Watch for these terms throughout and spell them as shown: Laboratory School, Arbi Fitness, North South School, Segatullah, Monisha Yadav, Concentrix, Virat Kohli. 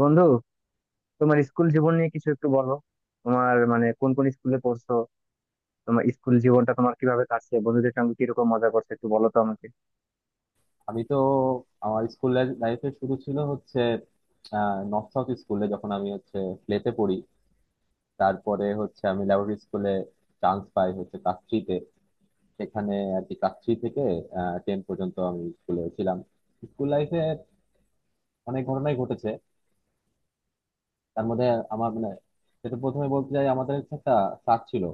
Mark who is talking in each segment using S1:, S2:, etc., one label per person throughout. S1: বন্ধু, তোমার স্কুল জীবন নিয়ে কিছু একটু বলো। তোমার কোন কোন স্কুলে পড়ছো? তোমার স্কুল জীবনটা তোমার কিভাবে কাটছে, বন্ধুদের সঙ্গে কিরকম মজা করছো একটু বলো তো আমাকে।
S2: আমি তো আমার স্কুল লাইফে শুরু ছিল হচ্ছে নর্থ সাউথ স্কুলে যখন আমি হচ্ছে প্লেতে পড়ি। তারপরে হচ্ছে আমি ল্যাবরেটরি স্কুলে চান্স পাই হচ্ছে ক্লাস থ্রিতে। সেখানে আর কি ক্লাস থ্রি থেকে টেন পর্যন্ত আমি স্কুলে ছিলাম। স্কুল লাইফে অনেক ঘটনাই ঘটেছে। তার মধ্যে আমার মানে সেটা প্রথমে বলতে চাই, আমাদের হচ্ছে একটা স্যার ছিল,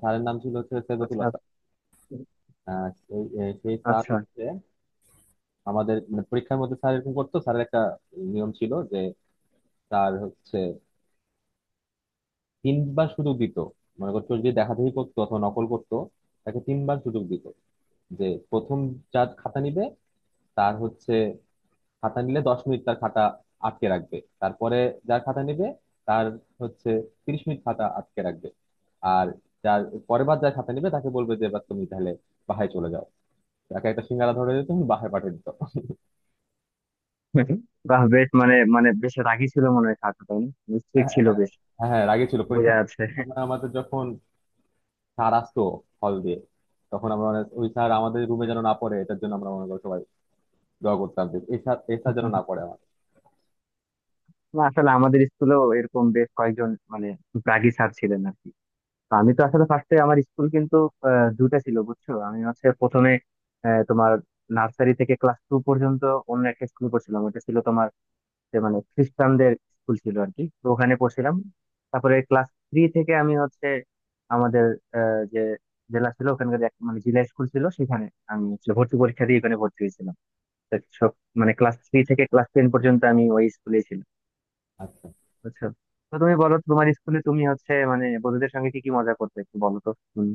S2: স্যারের নাম ছিল হচ্ছে
S1: আচ্ছা,
S2: সেগতুল্লাহ স্যার। সেই সেই স্যার
S1: আচ্ছা।
S2: হচ্ছে আমাদের মানে পরীক্ষার মধ্যে স্যার এরকম করতো, স্যারের একটা নিয়ম ছিল যে তার হচ্ছে তিনবার সুযোগ দিত। মনে করতো যদি দেখাদেখি করতো অথবা নকল করতো তাকে তিনবার সুযোগ দিত। যে প্রথম যার খাতা নিবে তার হচ্ছে খাতা নিলে 10 মিনিট তার খাতা আটকে রাখবে। তারপরে যার খাতা নিবে তার হচ্ছে 30 মিনিট খাতা আটকে রাখবে। আর যার পরের বার যার খাতা নিবে তাকে বলবে যে এবার তুমি তাহলে বাহায় চলে যাও। তাকে একটা সিঙ্গারা ধরে দিত, তুমি বাহায় পাঠিয়ে দিত।
S1: বাহ, বেশ। মানে মানে বেশ রাগী ছিল মনে হয় কাকা, তাই না? স্ট্রিক্ট ছিল
S2: হ্যাঁ,
S1: বেশ।
S2: হ্যাঁ, রাগে ছিল পরীক্ষা।
S1: বোঝা যাচ্ছে।
S2: আমাদের যখন স্যার আসতো হল দিয়ে তখন আমরা মানে ওই স্যার আমাদের রুমে যেন না পড়ে এটার জন্য আমরা মনে করো সবাই দোয়া করতাম, যে এই স্যার এই স্যার যেন না পড়ে আমার।
S1: না, আসলে আমাদের স্কুলেও এরকম বেশ কয়েকজন রাগী স্যার ছিলেন আর কি। আমি তো আসলে ফার্স্টে আমার স্কুল কিন্তু দুইটা ছিল, বুঝছো। আমি হচ্ছে প্রথমে তোমার নার্সারি থেকে ক্লাস টু পর্যন্ত অন্য একটা স্কুলে পড়ছিলাম। ওটা ছিল তোমার, যে মানে খ্রিস্টানদের স্কুল ছিল আর কি, তো ওখানে পড়ছিলাম। তারপরে ক্লাস থ্রি থেকে আমি হচ্ছে আমাদের যে জেলা ছিল ওখানকার, এক মানে জেলা স্কুল ছিল সেখানে আমি হচ্ছে ভর্তি পরীক্ষা দিয়ে ওখানে ভর্তি হয়েছিলাম। তো সব মানে ক্লাস থ্রি থেকে ক্লাস টেন পর্যন্ত আমি ওই স্কুলে ছিলাম,
S2: আর
S1: বুঝছো। তো তুমি বলো, তোমার স্কুলে তুমি হচ্ছে মানে বন্ধুদের সঙ্গে কি কি মজা করতে একটু বলো তো শুনি।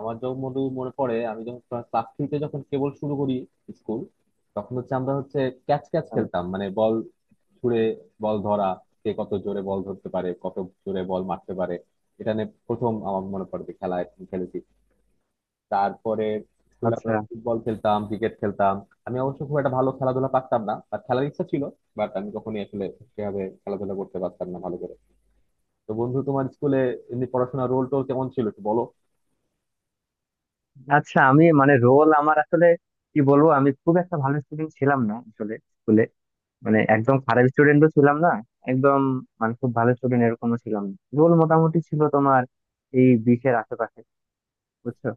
S2: আমার যখন মনে মনে পড়ে আমি যখন ক্লাস থ্রিতে যখন কেবল শুরু করি স্কুল, তখন হচ্ছে আমরা হচ্ছে ক্যাচ ক্যাচ খেলতাম মানে বল ছুড়ে বল ধরা, কে কত জোরে বল ধরতে পারে কত জোরে বল মারতে পারে, এটা নিয়ে প্রথম আমার মনে পড়ে যে খেলা খেলেছি। তারপরে স্কুলে আমরা
S1: আচ্ছা,
S2: ফুটবল খেলতাম, ক্রিকেট খেলতাম। আমি অবশ্য খুব একটা ভালো খেলাধুলা পারতাম না, আর খেলার ইচ্ছা ছিল, বাট আমি কখনোই আসলে সেভাবে খেলাধুলা করতে পারতাম না ভালো করে। তো বন্ধু তোমার স্কুলে এমনি পড়াশোনার রোল টোল কেমন ছিল একটু বলো।
S1: আচ্ছা। আমি মানে রোল আমার আসলে কি বলবো, আমি খুব একটা ভালো স্টুডেন্ট ছিলাম না আসলে স্কুলে। মানে একদম খারাপ স্টুডেন্টও ছিলাম না, একদম মানে খুব ভালো স্টুডেন্ট এরকমও ছিলাম না। রোল মোটামুটি ছিল তোমার এই 20-এর আশেপাশে, বুঝছো।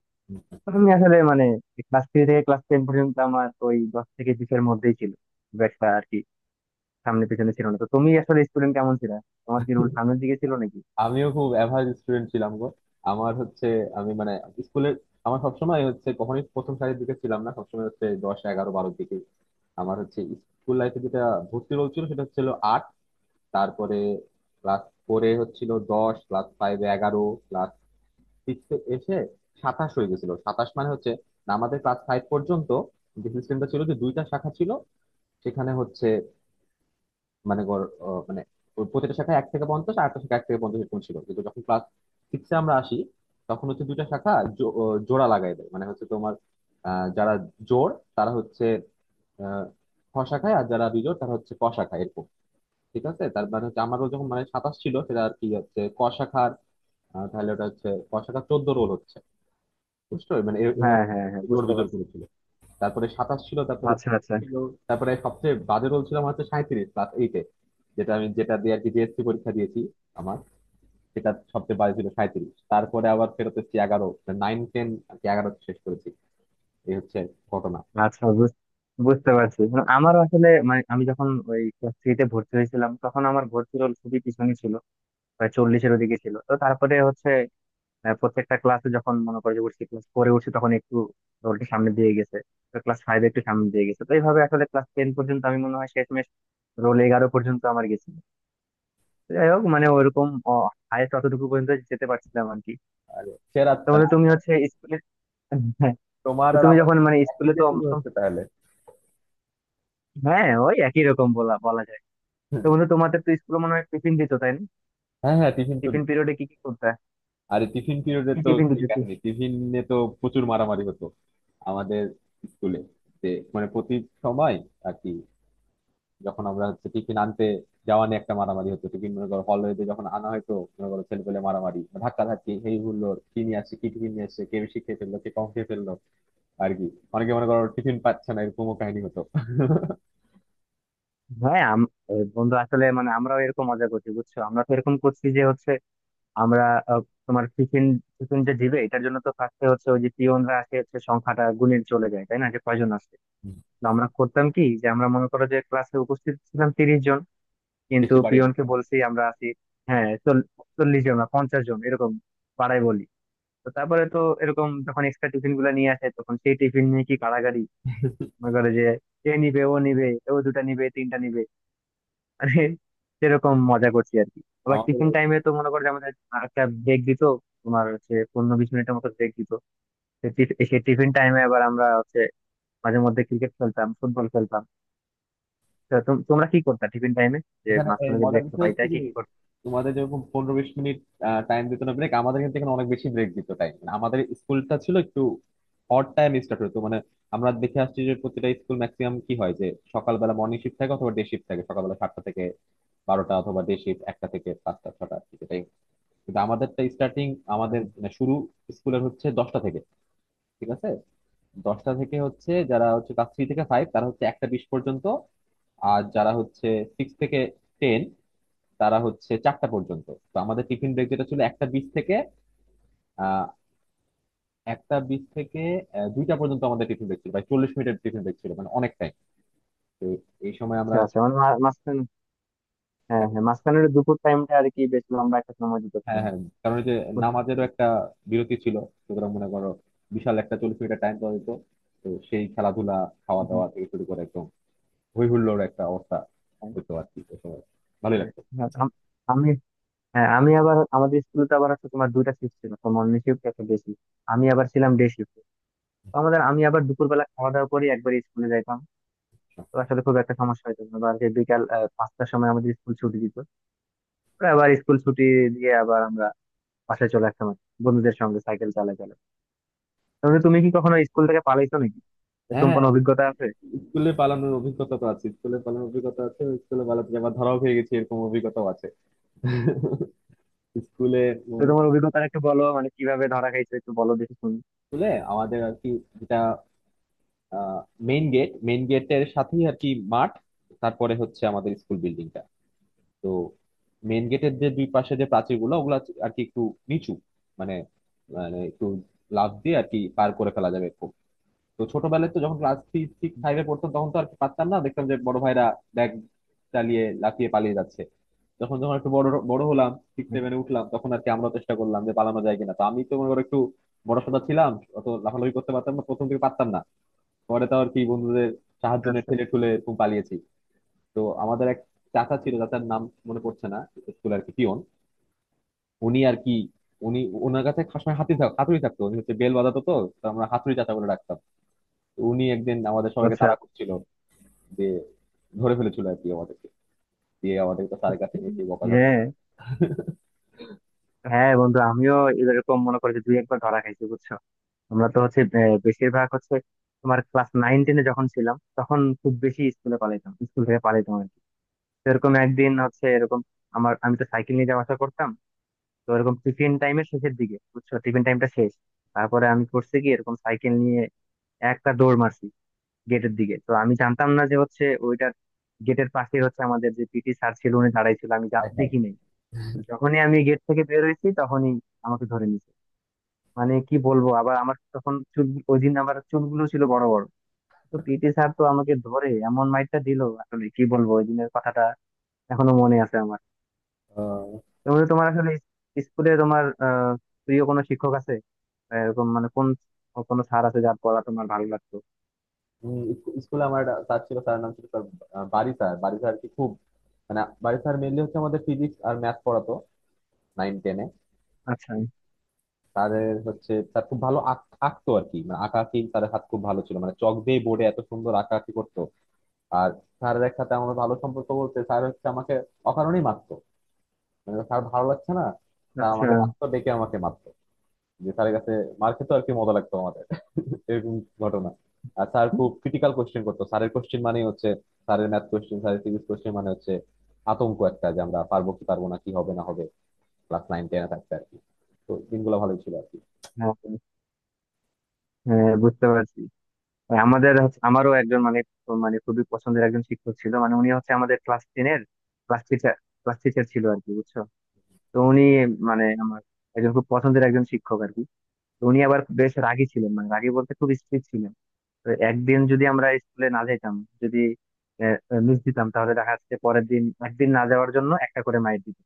S1: তো আমি আসলে মানে ক্লাস থ্রি থেকে ক্লাস টেন পর্যন্ত আমার ওই 10 থেকে 20-এর মধ্যেই ছিল, খুব একটা আর কি সামনে পিছনে ছিল না। তো তুমি আসলে স্টুডেন্ট কেমন ছিল, তোমার কি রোল সামনের দিকে ছিল নাকি?
S2: আমিও খুব অ্যাভারেজ স্টুডেন্ট ছিলাম গো। আমার হচ্ছে আমি মানে স্কুলে আমার সবসময় হচ্ছে কখনোই প্রথম সারির দিকে ছিলাম না, সবসময় হচ্ছে 10, 11, 12-এর দিকে। আমার হচ্ছে স্কুল লাইফে যেটা ভর্তি রোল ছিল সেটা হচ্ছিল 8। তারপরে ক্লাস ফোরে হচ্ছিল 10, ক্লাস ফাইভে 11, ক্লাস সিক্সে এসে 27 হয়ে গেছিল। 27 মানে হচ্ছে আমাদের ক্লাস ফাইভ পর্যন্ত যে সিস্টেমটা ছিল যে দুইটা শাখা ছিল সেখানে হচ্ছে মানে গড়, মানে ওই প্রতিটা শাখায় 1 থেকে 50 আর একটা শাখা 1 থেকে 50 এরকম ছিল। কিন্তু যখন ক্লাস সিক্সে আমরা আসি তখন হচ্ছে দুইটা শাখা জোড়া লাগাই দেয়, মানে হচ্ছে তোমার যারা জোড় তারা হচ্ছে আহ, খ শাখায়, আর যারা বিজোড় তারা হচ্ছে ক শাখায়, এরকম ঠিক আছে। তার মানে হচ্ছে আমারও যখন মানে 27 ছিল সেটা আর কি হচ্ছে ক শাখার, তাহলে ওটা হচ্ছে ক শাখা 14 রোল হচ্ছে। বুঝছো মানে এভাবে
S1: হ্যাঁ, হ্যাঁ, হ্যাঁ,
S2: জোর
S1: বুঝতে
S2: বিজোর
S1: পারছি।
S2: করেছিল। তারপরে 27 ছিল, তারপরে
S1: আচ্ছা, আচ্ছা।
S2: ছিল, তারপরে সবচেয়ে বাজে রোল ছিল আমার হচ্ছে 37, ক্লাস এইটে, যেটা আমি যেটা দিয়ে আর কি জিএসসি পরীক্ষা দিয়েছি আমার, সেটা সবচেয়ে বাজে ছিল 37। তারপরে আবার ফেরত এসেছি 11, নাইন টেন আর কি 11 শেষ করেছি। এই হচ্ছে ঘটনা।
S1: আচ্ছা, বুঝতে পারছি। মানে আমারও আসলে, মানে আমি যখন ওই ক্লাস থ্রিতে ভর্তি হয়েছিলাম তখন আমার ভর্তি রোল খুবই পিছনে ছিল, প্রায় 40-এর ওদিকে ছিল। তো তারপরে হচ্ছে প্রত্যেকটা ক্লাসে যখন মনে করে যে উঠছি, ক্লাস ফোরে উঠছি, তখন একটু রোলটা সামনে দিয়ে গেছে। ক্লাস ফাইভে একটু সামনে দিয়ে গেছে। তো এইভাবে আসলে ক্লাস টেন পর্যন্ত আমি মনে হয় শেষমেশ রোল 11 পর্যন্ত আমার গেছিল। তো যাই হোক, মানে ওইরকম হায়েস্ট অতটুকু পর্যন্ত যেতে পারছিলাম আর কি।
S2: সেরা
S1: তো
S2: তাহলে,
S1: বললো, তুমি হচ্ছে স্কুলে।
S2: তোমার
S1: তো
S2: আর
S1: তুমি
S2: আমার
S1: যখন মানে
S2: একই
S1: স্কুলে
S2: দিয়ে
S1: তো,
S2: শুরু
S1: তো-
S2: হচ্ছে তাহলে।
S1: হ্যাঁ ওই একই রকম বলা বলা যায়। তো
S2: হুম।
S1: বন্ধু, তোমাদের তো স্কুলে মনে হয় টিফিন দিত, তাই না?
S2: হ্যাঁ হ্যাঁ, টিফিন তো।
S1: টিফিন পিরিয়ডে কি কি করতে?
S2: আরে টিফিন পিরিয়ডে
S1: কি
S2: তো
S1: টিফিন
S2: এই
S1: দিত কি?
S2: কাহিনী, টিফিনে তো প্রচুর মারামারি হতো আমাদের স্কুলে। যে মানে প্রতি সময় আর কি যখন আমরা হচ্ছে টিফিন আনতে যাওয়া নিয়ে একটা মারামারি হতো। টিফিন মনে করো হলওয়েতে যখন আনা হয়তো মনে করো ছেলে পেলে মারামারি, ধাক্কা ধাক্কি, এই হুল্লোড়, কি নিয়ে আসছে, কি টিফিন নিয়ে আসছে, কে বেশি খেয়ে ফেললো, কে কম খেয়ে ফেললো, আর কি অনেকে মনে করো টিফিন পাচ্ছে না, এরকমও কাহিনী হতো।
S1: হ্যাঁ, বন্ধু আসলে মানে আমরাও এরকম মজা করছি, বুঝছো। আমরা তো এরকম করছি যে হচ্ছে, আমরা আহ, তোমার টিফিন টিফিন যে দিবে, এটার জন্য তো ফার্স্টে হচ্ছে ওই যে পিয়নরা আসে হচ্ছে সংখ্যাটা গুণে চলে যায়, তাই না, যে কয়জন আসে। তো আমরা করতাম কি, যে আমরা মনে করো যে ক্লাসে উপস্থিত ছিলাম 30 জন কিন্তু
S2: বেশি বাড়িয়ে দিত।
S1: পিয়নকে বলছি আমরা আছি, হ্যাঁ চল- 40 জন না 50 জন এরকম পাড়ায় বলি। তো তারপরে তো এরকম যখন এক্সট্রা টিফিন গুলা নিয়ে আসে, তখন সেই টিফিন নিয়ে কি কাড়াকাড়ি! মনে করে যে এ নিবে, ও নিবে, ও দুটা নিবে তিনটা নিবে। মানে সেরকম মজা করছি আর কি। আবার
S2: আমাদের
S1: টিফিন টাইমে তো মনে করো যে আমাদের একটা ব্রেক দিত, তোমার হচ্ছে 15-20 মিনিটের মতো ব্রেক দিত। সেই টিফিন টাইমে আবার আমরা হচ্ছে মাঝে মধ্যে ক্রিকেট খেলতাম, ফুটবল খেলতাম। তো তোমরা কি করতা টিফিন টাইমে, যে
S2: এখানে এই
S1: মাঝখানে যে
S2: মজার
S1: ব্রেক
S2: বিষয়
S1: পাইতা
S2: হচ্ছে
S1: কি
S2: যে
S1: কি করতে?
S2: তোমাদের যেরকম 15-20 মিনিট টাইম দিত না ব্রেক, আমাদের কিন্তু এখানে অনেক বেশি ব্রেক দিত টাইম। আমাদের স্কুলটা ছিল একটু অড টাইম, স্টার্ট হতো মানে আমরা দেখে আসছি যে প্রতিটা স্কুল ম্যাক্সিমাম কি হয় যে সকালবেলা মর্নিং শিফট থাকে অথবা ডে শিফট থাকে, সকালবেলা 7টা থেকে 12টা অথবা ডে শিফট 1টা থেকে 5টা 6টা, ঠিক এটাই। কিন্তু আমাদেরটা স্টার্টিং আমাদের মানে শুরু স্কুলের হচ্ছে 10টা থেকে, ঠিক আছে 10টা থেকে হচ্ছে যারা হচ্ছে ক্লাস থ্রি থেকে ফাইভ তারা হচ্ছে 1টা 20 পর্যন্ত, আর যারা হচ্ছে সিক্স থেকে টেন তারা হচ্ছে 4টা পর্যন্ত। তো আমাদের টিফিন ব্রেক যেটা ছিল 1টা 20 থেকে আহ একটা বিশ থেকে 2টা পর্যন্ত আমাদের টিফিন ব্রেক ছিল, প্রায় 40 মিনিটের টিফিন ব্রেক ছিল, মানে অনেক টাইম। তো এই সময়
S1: আচ্ছা,
S2: আমরা,
S1: আচ্ছা। মানে মাঝখানে, হ্যাঁ, হ্যাঁ, মাঝখানের দুপুর টাইমটা আর কি বেশ লম্বা একটা সময় দিতে
S2: হ্যাঁ
S1: হবে।
S2: হ্যাঁ, কারণ ওই যে
S1: বুঝতে
S2: নামাজেরও
S1: পেরেছি।
S2: একটা বিরতি ছিল, সুতরাং মনে করো বিশাল একটা 40 মিনিটের টাইম পাওয়া যেত। তো সেই খেলাধুলা, খাওয়া
S1: হুম, হুম।
S2: দাওয়া থেকে শুরু করে একদম হই হুল্লোড় একটা অবস্থা হতো আর কি ওই সময়, ভালোই লাগতো।
S1: হ্যাঁ। আমি, হ্যাঁ, আমি আবার আমাদের স্কুলে তো আবার হচ্ছে তোমার দুইটা শিফট ছিল, একটা মর্নিং শিফট, একটা ডে শিফট। আমি আবার ছিলাম ডে শিফট। তো আমাদের আমি আবার দুপুরবেলা খাওয়া দাওয়া করে একবার স্কুলে যাইতাম। তো আসলে খুব একটা সমস্যা হতো না। বা যে বিকাল 5টার সময় আমাদের স্কুল ছুটি দিত। পরে আবার স্কুল ছুটি দিয়ে আবার আমরা বাসায় চলে আসতাম আর কি, বন্ধুদের সঙ্গে সাইকেল চালায় চালায়। তাহলে তুমি কি কখনো স্কুল থেকে পালাইছো নাকি,
S2: হ্যাঁ
S1: এরকম
S2: হ্যাঁ,
S1: কোনো অভিজ্ঞতা আছে?
S2: স্কুলে পালানোর অভিজ্ঞতা তো আছে, স্কুলে পালানোর অভিজ্ঞতা আছে, স্কুলে পালাতে যে আবার ধরাও খেয়ে গেছি এরকম অভিজ্ঞতাও আছে স্কুলে।
S1: তো
S2: উম,
S1: তোমার অভিজ্ঞতা একটু বলো, মানে কিভাবে ধরা খাইছো একটু বলো দেখি শুনি।
S2: স্কুলে আমাদের আর কি যেটা মেইন গেট, মেইন গেটের সাথেই আর কি মাঠ, তারপরে হচ্ছে আমাদের স্কুল বিল্ডিং। তো মেন গেটের যে দুই পাশে যে প্রাচীরগুলো ওগুলো আর কি একটু নিচু, মানে মানে একটু লাফ দিয়ে আর কি পার করে ফেলা যাবে খুব। তো ছোটবেলায় তো যখন ক্লাস থ্রি সিক্স ফাইভে পড়তাম তখন তো আর কি পারতাম না, দেখতাম যে বড় ভাইরা ব্যাগ চালিয়ে লাফিয়ে পালিয়ে যাচ্ছে। যখন যখন একটু বড় বড় হলাম, সিক্স সেভেনে উঠলাম, তখন আর কি আমরা চেষ্টা করলাম যে পালানো যায় কিনা। তো আমি তো মনে করো একটু বড়সড় ছিলাম, অত লাফালাফি করতে পারতাম না, প্রথম থেকে পারতাম না। পরে তো আর কি বন্ধুদের সাহায্য নিয়ে
S1: আচ্ছা,
S2: ঠেলে ঠুলে এরকম পালিয়েছি। তো আমাদের এক চাচা ছিল, চাচার নাম মনে পড়ছে না, স্কুল আর কি পিয়ন। উনি আর কি উনি ওনার কাছে সবসময় হাতি থাক হাতুড়ি থাকতো, উনি হচ্ছে বেল বাজাতো, তো তো আমরা হাতুড়ি চাচা বলে ডাকতাম। তো উনি একদিন আমাদের সবাইকে
S1: আচ্ছা।
S2: তাড়া করছিল, যে ধরে ফেলেছিল আর কি আমাদেরকে, দিয়ে আমাদেরকে স্যারের কাছে নিয়ে সেই বকাঝকা।
S1: হ্যাঁ, হ্যাঁ, বন্ধু, আমিও এরকম মনে করি যে দুই একবার ধরা খাইছি, বুঝছো। আমরা তো হচ্ছে বেশিরভাগ হচ্ছে তোমার ক্লাস নাইন টেনে যখন ছিলাম তখন খুব বেশি স্কুলে পালাইতাম, স্কুল থেকে পালাইতাম আর কি। তো এরকম একদিন হচ্ছে, এরকম আমার, আমি তো সাইকেল নিয়ে যাওয়া আসা করতাম। তো এরকম টিফিন টাইমের শেষের দিকে, বুঝছো টিফিন টাইমটা শেষ, তারপরে আমি করছি কি এরকম সাইকেল নিয়ে একটা দৌড় মারছি গেটের দিকে। তো আমি জানতাম না যে হচ্ছে ওইটার গেটের পাশে হচ্ছে আমাদের যে পিটি স্যার ছিল উনি দাঁড়াই ছিল, আমি
S2: হাই হাই।
S1: দেখি নাই। তো যখনই আমি গেট থেকে বের হয়েছি তখনই আমাকে ধরে নিয়েছে। মানে কি বলবো, আবার আমার তখন চুল, ওই দিন আমার চুলগুলো ছিল বড় বড়। তো পিটি স্যার তো আমাকে ধরে এমন মাইরটা দিল, আসলে কি বলবো ওই দিনের কথাটা, এখনো মনে আছে আমার।
S2: আহ,
S1: তোমার তোমার আসলে স্কুলে তোমার প্রিয় কোনো শিক্ষক আছে? এরকম মানে কোনো স্যার আছে যার পড়া তোমার ভালো লাগতো?
S2: স্কুলে আমার একটা স্যার ছিল, স্যারের নাম ছিল sir Bari sir. Bari sir কি খুব মানে বারি স্যার মেনলি হচ্ছে আমাদের ফিজিক্স আর ম্যাথ পড়াতো নাইন টেনে।
S1: আচ্ছা,
S2: তাদের হচ্ছে তার খুব ভালো আঁক আঁকতো আর কি, মানে আঁকাআঁকি, তাদের হাত খুব ভালো ছিল, মানে চক দিয়ে বোর্ডে এত সুন্দর আঁকাআঁকি করতো। আর স্যারের এক সাথে আমার ভালো সম্পর্ক বলতে, স্যার হচ্ছে আমাকে অকারণেই মারতো, মানে স্যার ভালো লাগছে না স্যার,
S1: আচ্ছা।
S2: আমাকে ডাকতো, ডেকে আমাকে মারতো। যে স্যারের কাছে মার খেতে আর কি মজা লাগতো আমাদের। এরকম ঘটনা। আর স্যার খুব ক্রিটিক্যাল কোশ্চেন করতো, স্যারের কোশ্চেন মানে হচ্ছে স্যারের ম্যাথ কোশ্চেন, স্যারের ফিজিক্স কোশ্চেন মানে হচ্ছে আতঙ্ক একটা, যে আমরা পারবো কি পারবো না, কি হবে না হবে, ক্লাস নাইন টেনে থাকতে আর কি। তো দিনগুলো ভালোই ছিল আর কি।
S1: হ্যাঁ হ্যাঁ, হ্যাঁ, বুঝতে পারছি। আমারও একজন মানে, মানে খুবই পছন্দের একজন শিক্ষক ছিল। মানে উনি হচ্ছে আমাদের ক্লাস টেনের ক্লাস টিচার ক্লাস টিচার ছিল আর কি, বুঝছো। তো উনি মানে আমার একজন খুব পছন্দের একজন শিক্ষক আর কি। তো উনি আবার বেশ রাগী ছিলেন, মানে রাগী বলতে খুব স্ট্রিক্ট ছিলেন। তো একদিন যদি আমরা স্কুলে না যেতাম, যদি মিস দিতাম, তাহলে দেখা যাচ্ছে পরের দিন একদিন না যাওয়ার জন্য একটা করে মাইর দিত,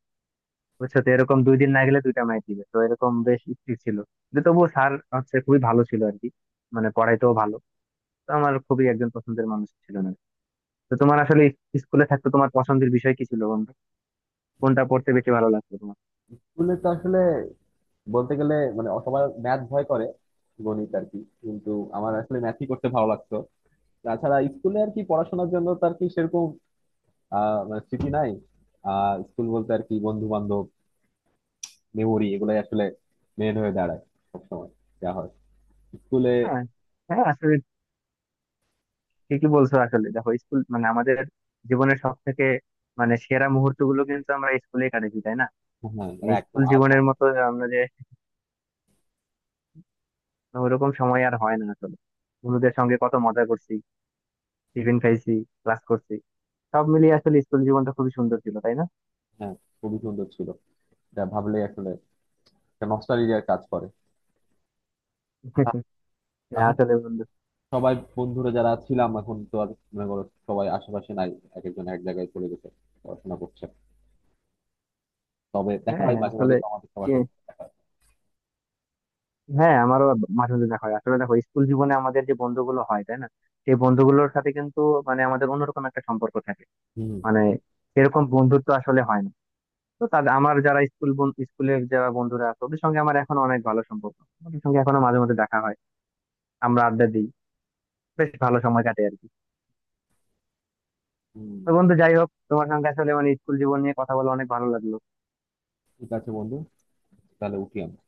S1: বুঝছো। তো এরকম দুই দিন না গেলে দুইটা মাইর দিবে। তো এরকম বেশ স্ট্রিক্ট ছিল, কিন্তু তবুও স্যার হচ্ছে খুবই ভালো ছিল আর কি, মানে পড়াইতেও ভালো। তো আমার খুবই একজন পছন্দের মানুষ ছিল না। তো তোমার আসলে স্কুলে থাকতে তোমার পছন্দের বিষয় কি ছিল বন্ধু? কোনটা পড়তে বেশি ভালো লাগতো তোমার?
S2: স্কুলে তো আসলে বলতে গেলে মানে সবার ম্যাথ ভয় করে, গণিত আর কি, কিন্তু আমার আসলে ম্যাথই করতে ভালো লাগতো। তাছাড়া স্কুলে আর কি পড়াশোনার জন্য তো আর কি সেরকম মানে স্মৃতি নাই। স্কুল বলতে আর কি বন্ধু বান্ধব, মেমোরি, এগুলাই আসলে মেন হয়ে দাঁড়ায় সবসময় যা হয় স্কুলে।
S1: হ্যাঁ হ্যাঁ আসলে ঠিকই বলছো। আসলে দেখো, স্কুল মানে আমাদের জীবনের সব থেকে মানে সেরা মুহূর্ত গুলো কিন্তু আমরা স্কুলে কাটাচ্ছি, তাই না?
S2: হ্যাঁ মানে
S1: মানে
S2: একদম
S1: স্কুল
S2: আর্ট।
S1: জীবনের মতো আমরা যে ওরকম সময় আর হয় না আসলে। বন্ধুদের সঙ্গে কত মজা করছি, টিফিন খাইছি, ক্লাস করছি, সব মিলিয়ে আসলে স্কুল জীবনটা খুবই সুন্দর ছিল, তাই না?
S2: হ্যাঁ খুবই সুন্দর ছিল, যা ভাবলে আসলে একটা নস্টালজিয়ার কাজ করে।
S1: হ্যাঁ,
S2: এখন তো
S1: আসলে বন্ধু,
S2: সবাই বন্ধুরা যারা ছিলাম এখন তো আর মনে করো সবাই আশেপাশে নাই, এক একজন এক জায়গায় চলে গেছে পড়াশোনা করছে। তবে দেখা
S1: হ্যাঁ
S2: হয় মাঝে মাঝে
S1: আসলে
S2: তো আমাদের সবার
S1: কি-
S2: সাথে।
S1: হ্যাঁ আমারও মাঝে মাঝে দেখা হয়। আসলে দেখো, স্কুল জীবনে আমাদের যে বন্ধুগুলো হয়, তাই না, সেই বন্ধুগুলোর সাথে কিন্তু মানে আমাদের অন্যরকম একটা সম্পর্ক থাকে।
S2: হুম,
S1: মানে এরকম বন্ধুত্ব আসলে হয় না। তো তাদের আমার যারা স্কুলের যারা বন্ধুরা আছে ওদের সঙ্গে আমার এখন অনেক ভালো সম্পর্ক। ওদের সঙ্গে এখনো মাঝে মধ্যে দেখা হয়, আমরা আড্ডা দিই, বেশ ভালো সময় কাটে আর কি।
S2: হুম।
S1: তো বন্ধু, যাই হোক, তোমার সঙ্গে আসলে মানে স্কুল জীবন নিয়ে কথা বলে অনেক ভালো লাগলো।
S2: ঠিক আছে বন্ধু, তাহলে উঠি আমি।